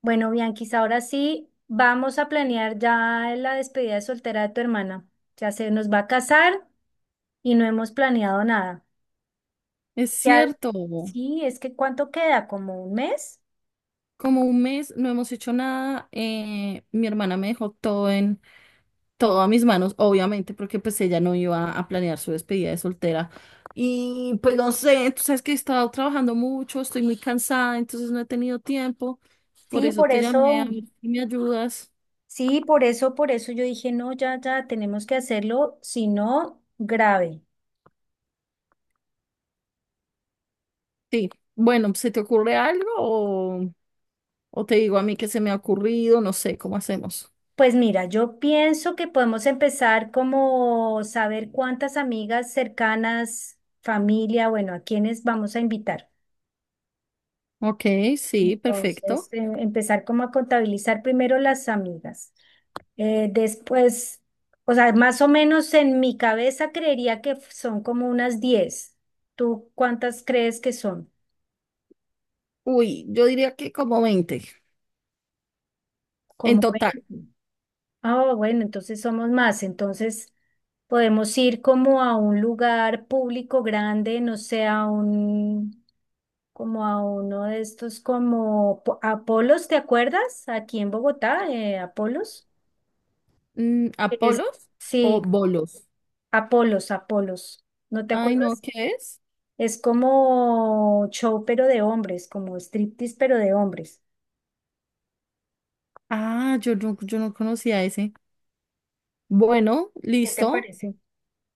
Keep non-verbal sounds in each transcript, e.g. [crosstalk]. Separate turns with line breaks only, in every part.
Bueno, Bianquis, ahora sí vamos a planear ya la despedida de soltera de tu hermana. Ya se nos va a casar y no hemos planeado nada.
Es
Ya,
cierto,
sí, es que ¿cuánto queda? ¿Como un mes?
como un mes no hemos hecho nada, mi hermana me dejó todo a mis manos, obviamente, porque pues ella no iba a planear su despedida de soltera. Y pues no sé, tú sabes que he estado trabajando mucho, estoy muy cansada, entonces no he tenido tiempo, por
Sí,
eso
por
te llamé a
eso,
ver si me ayudas.
sí, por eso yo dije, no, ya, ya, tenemos que hacerlo, si no, grave.
Sí, bueno, ¿se te ocurre algo o te digo a mí que se me ha ocurrido? No sé, ¿cómo hacemos?
Pues mira, yo pienso que podemos empezar como saber cuántas amigas cercanas, familia, bueno, a quiénes vamos a invitar.
Ok, sí,
Entonces,
perfecto.
empezar como a contabilizar primero las amigas. Después, o sea, más o menos en mi cabeza creería que son como unas diez. ¿Tú cuántas crees que son?
Uy, yo diría que como 20 en
Como
total.
20. Ah, bueno, entonces somos más. Entonces podemos ir como a un lugar público grande, no sé, a un, como a uno de estos como Apolos, ¿te acuerdas? Aquí en Bogotá, Apolos.
Mm,
Es-
¿Apolos o
Sí,
bolos?
Apolos, Apolos, ¿no te
Ay, no,
acuerdas?
¿qué es?
Es como show pero de hombres, como striptease pero de hombres.
Ah, yo no conocía ese. Bueno,
¿Qué te
listo.
parece?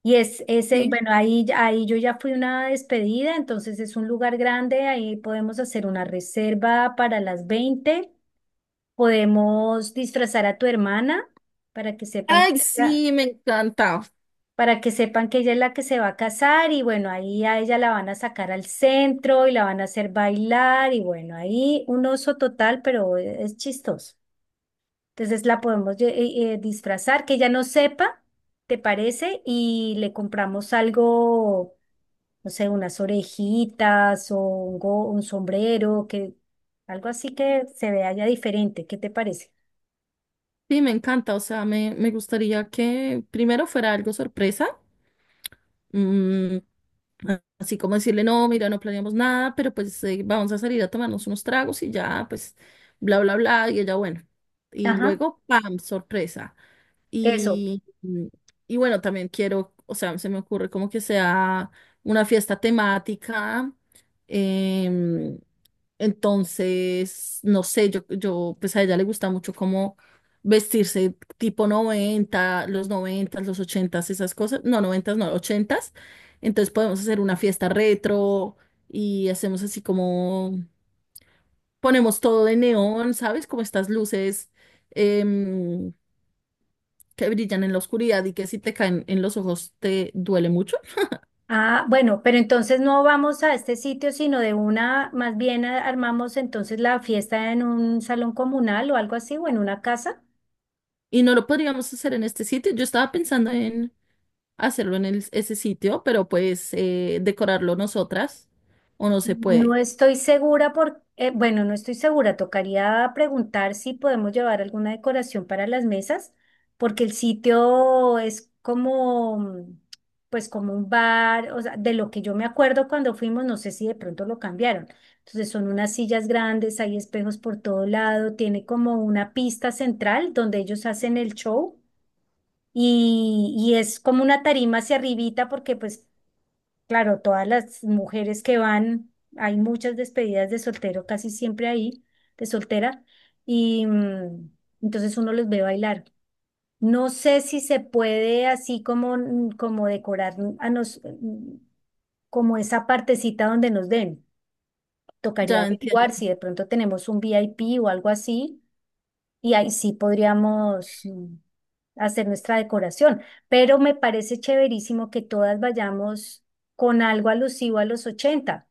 Y es ese,
Sí.
bueno, ahí, ahí yo ya fui a una despedida, entonces es un lugar grande, ahí podemos hacer una reserva para las 20, podemos disfrazar a tu hermana para que sepan.
Ay, sí, me encanta.
Para que sepan que ella es la que se va a casar y bueno, ahí a ella la van a sacar al centro y la van a hacer bailar y bueno, ahí un oso total, pero es chistoso. Entonces la podemos disfrazar, que ella no sepa, ¿te parece? Y le compramos algo, no sé, unas orejitas o un, un sombrero, que algo así que se vea ya diferente, ¿qué te parece?
Sí, me encanta. O sea, me gustaría que primero fuera algo sorpresa. Mm, Así como decirle, no, mira, no planeamos nada, pero pues vamos a salir a tomarnos unos tragos y ya, pues, bla, bla, bla. Y ella, bueno. Y
Ajá.
luego, ¡pam! Sorpresa.
Eso.
Y, y bueno, también quiero, o sea, se me ocurre como que sea una fiesta temática. em, entonces, no sé, pues a ella le gusta mucho como vestirse tipo 90 los noventas los ochentas esas cosas. No, noventas no, ochentas. Entonces podemos hacer una fiesta retro y hacemos así como, ponemos todo de neón, ¿sabes? Como estas luces, em, que brillan en la oscuridad y que si te caen en los ojos te duele mucho.
Ah, bueno, pero entonces no vamos a este sitio, sino de una, más bien armamos entonces la fiesta en un salón comunal o algo así, o en una casa.
Y no lo podríamos hacer en este sitio. Yo estaba pensando en hacerlo en ese sitio, pero pues decorarlo nosotras o no se
No
puede.
estoy segura por, bueno, no estoy segura. Tocaría preguntar si podemos llevar alguna decoración para las mesas, porque el sitio es como, pues como un bar, o sea, de lo que yo me acuerdo cuando fuimos, no sé si de pronto lo cambiaron. Entonces son unas sillas grandes, hay espejos por todo lado, tiene como una pista central donde ellos hacen el show y es como una tarima hacia arribita porque pues claro, todas las mujeres que van, hay muchas despedidas de soltero, casi siempre ahí, de soltera, y entonces uno los ve bailar. No sé si se puede así como, como decorar a nos, como esa partecita donde nos den. Tocaría
Ya entiendo.
averiguar si de pronto tenemos un VIP o algo así, y ahí sí podríamos hacer nuestra decoración. Pero me parece chéverísimo que todas vayamos con algo alusivo a los 80.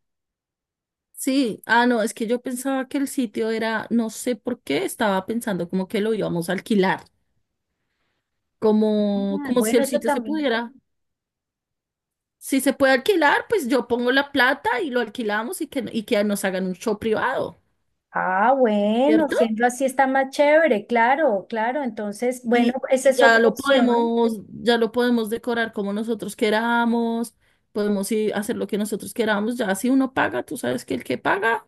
Sí, ah, no, es que yo pensaba que el sitio era, no sé por qué, estaba pensando como que lo íbamos a alquilar, como,
Ah,
como si
bueno,
el
eso
sitio se
también.
pudiera. Si se puede alquilar, pues yo pongo la plata y lo alquilamos y que nos hagan un show privado,
Ah, bueno,
¿cierto?
siendo así está más chévere, claro, claro. Entonces, bueno,
Y,
esa
y
es
ya
otra
lo
opción.
podemos, ya lo podemos decorar como nosotros queramos, podemos ir a hacer lo que nosotros queramos, ya si uno paga, tú sabes que el que paga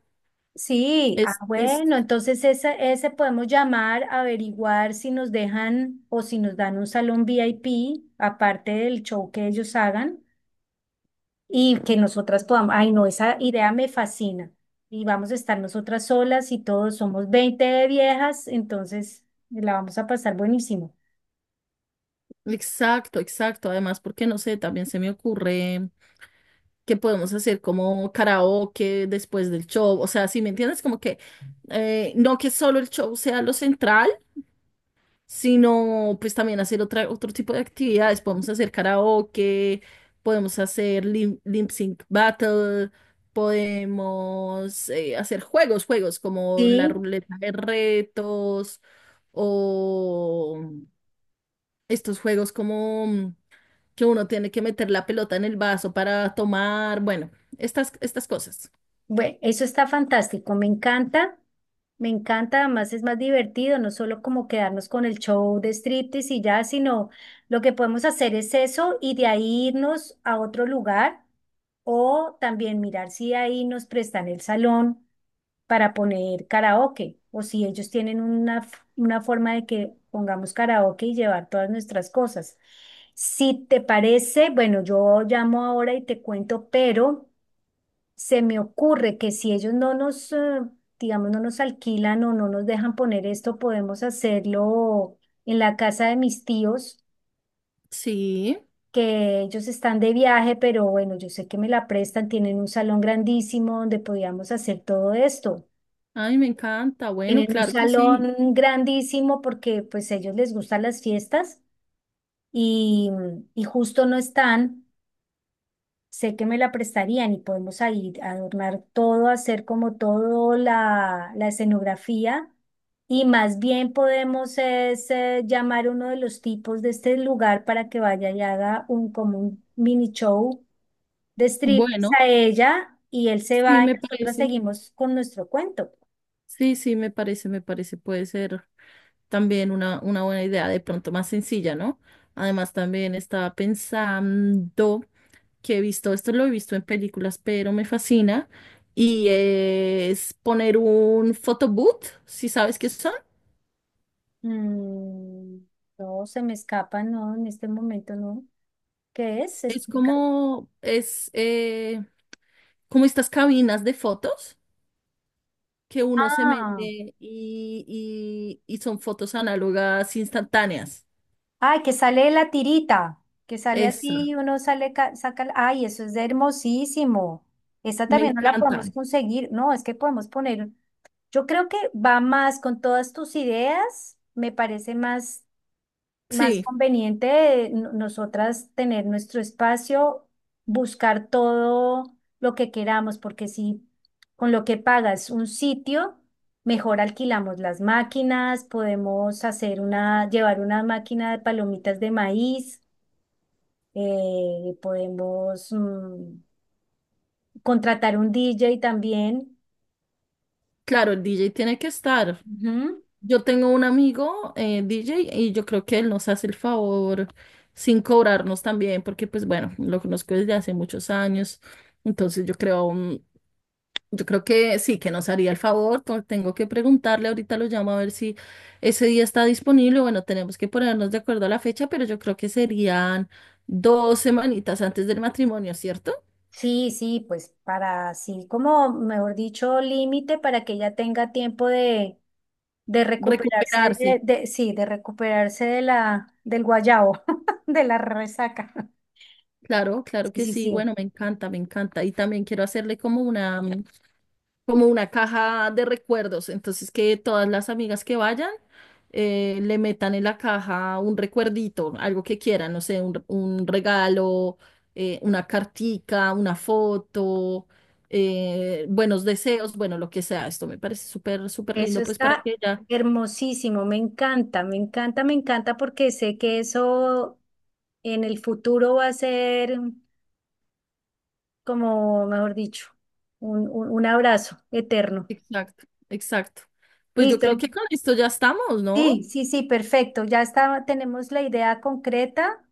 Sí, ah,
es.
bueno, entonces ese podemos llamar, averiguar si nos dejan o si nos dan un salón VIP, aparte del show que ellos hagan, y que nosotras podamos. Ay, no, esa idea me fascina. Y vamos a estar nosotras solas y todos somos 20 viejas, entonces la vamos a pasar buenísimo.
Exacto, exacto. Además, porque no sé, también se me ocurre que podemos hacer como karaoke después del show. O sea, si me entiendes, como que no que solo el show sea lo central, sino pues también hacer otro tipo de actividades. Podemos hacer karaoke, podemos hacer lip sync battle, podemos hacer juegos como la
Sí,
ruleta de retos o estos juegos como que uno tiene que meter la pelota en el vaso para tomar, bueno, estas cosas.
bueno, eso está fantástico, me encanta, además es más divertido, no solo como quedarnos con el show de striptease y ya, sino lo que podemos hacer es eso y de ahí irnos a otro lugar o también mirar si ahí nos prestan el salón para poner karaoke o si ellos tienen una, una forma de que pongamos karaoke y llevar todas nuestras cosas. Si te parece, bueno, yo llamo ahora y te cuento, pero se me ocurre que si ellos no nos, digamos, no nos alquilan o no nos dejan poner esto, podemos hacerlo en la casa de mis tíos,
Sí,
que ellos están de viaje, pero bueno, yo sé que me la prestan, tienen un salón grandísimo donde podíamos hacer todo esto.
ay, me encanta. Bueno,
Tienen un
claro que sí.
salón grandísimo porque pues a ellos les gustan las fiestas y, y justo no están. Sé que me la prestarían y podemos ahí adornar todo, hacer como todo la escenografía y más bien podemos es, llamar a uno de los tipos de este lugar para que vaya y haga un, como un mini show de strip
Bueno,
a ella y él se
sí,
va y
me
nosotras
parece.
seguimos con nuestro cuento.
Sí, sí, me parece, puede ser también una buena idea, de pronto más sencilla, ¿no? Además, también estaba pensando que he visto, esto lo he visto en películas, pero me fascina, y es poner un photobooth, si sabes qué son.
Mm, no, se me escapa, no, en este momento no. ¿Qué es? ¿Se
Es
explica?
como, es como estas cabinas de fotos que uno se mete
Ah.
y son fotos análogas instantáneas.
Ay, que sale la tirita, que sale
Eso,
así, uno sale, saca, ay, eso es hermosísimo. Esta
me
también no la podemos
encanta.
conseguir, no, es que podemos poner, yo creo que va más con todas tus ideas, me parece más más
Sí.
conveniente nosotras tener nuestro espacio, buscar todo lo que queramos, porque si con lo que pagas un sitio, mejor alquilamos las máquinas, podemos hacer una, llevar una máquina de palomitas de maíz, podemos contratar un DJ también.
Claro, el DJ tiene que estar.
Ujú.
Yo tengo un amigo DJ y yo creo que él nos hace el favor sin cobrarnos también, porque pues bueno, lo conozco desde hace muchos años. Entonces yo creo que sí, que nos haría el favor. Tengo que preguntarle, ahorita lo llamo a ver si ese día está disponible. Bueno, tenemos que ponernos de acuerdo a la fecha, pero yo creo que serían 2 semanitas antes del matrimonio, ¿cierto?
Sí, sí, pues para así como, mejor dicho, límite para que ella tenga tiempo de recuperarse
Recuperarse.
de, sí, de recuperarse de la, del guayabo [laughs] de la resaca.
Claro, claro
Sí,
que
sí,
sí.
sí.
Bueno, me encanta, me encanta. Y también quiero hacerle como una caja de recuerdos. Entonces, que todas las amigas que vayan le metan en la caja un recuerdito, algo que quieran, no sé, un regalo, una cartica, una foto, buenos deseos, bueno, lo que sea. Esto me parece súper, súper
Eso
lindo, pues para
está
que ya.
hermosísimo, me encanta, me encanta, me encanta porque sé que eso en el futuro va a ser como, mejor dicho, un, un abrazo eterno.
Exacto, exacto. Pues yo
Listo.
creo que con esto ya estamos, ¿no?
Sí, sí, sí, perfecto. Ya está, tenemos la idea concreta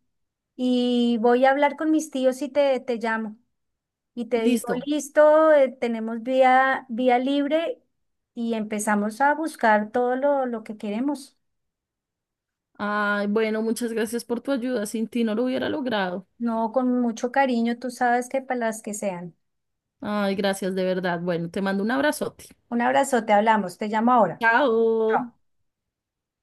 y voy a hablar con mis tíos y te llamo. Y te digo,
Listo.
listo, tenemos vía libre y empezamos a buscar todo lo que queremos.
Ay, bueno, muchas gracias por tu ayuda. Sin ti no lo hubiera logrado.
No, con mucho cariño, tú sabes que para las que sean.
Ay, gracias de verdad. Bueno, te mando un abrazote.
Un abrazo, te hablamos, te llamo ahora. Chao.
Chao.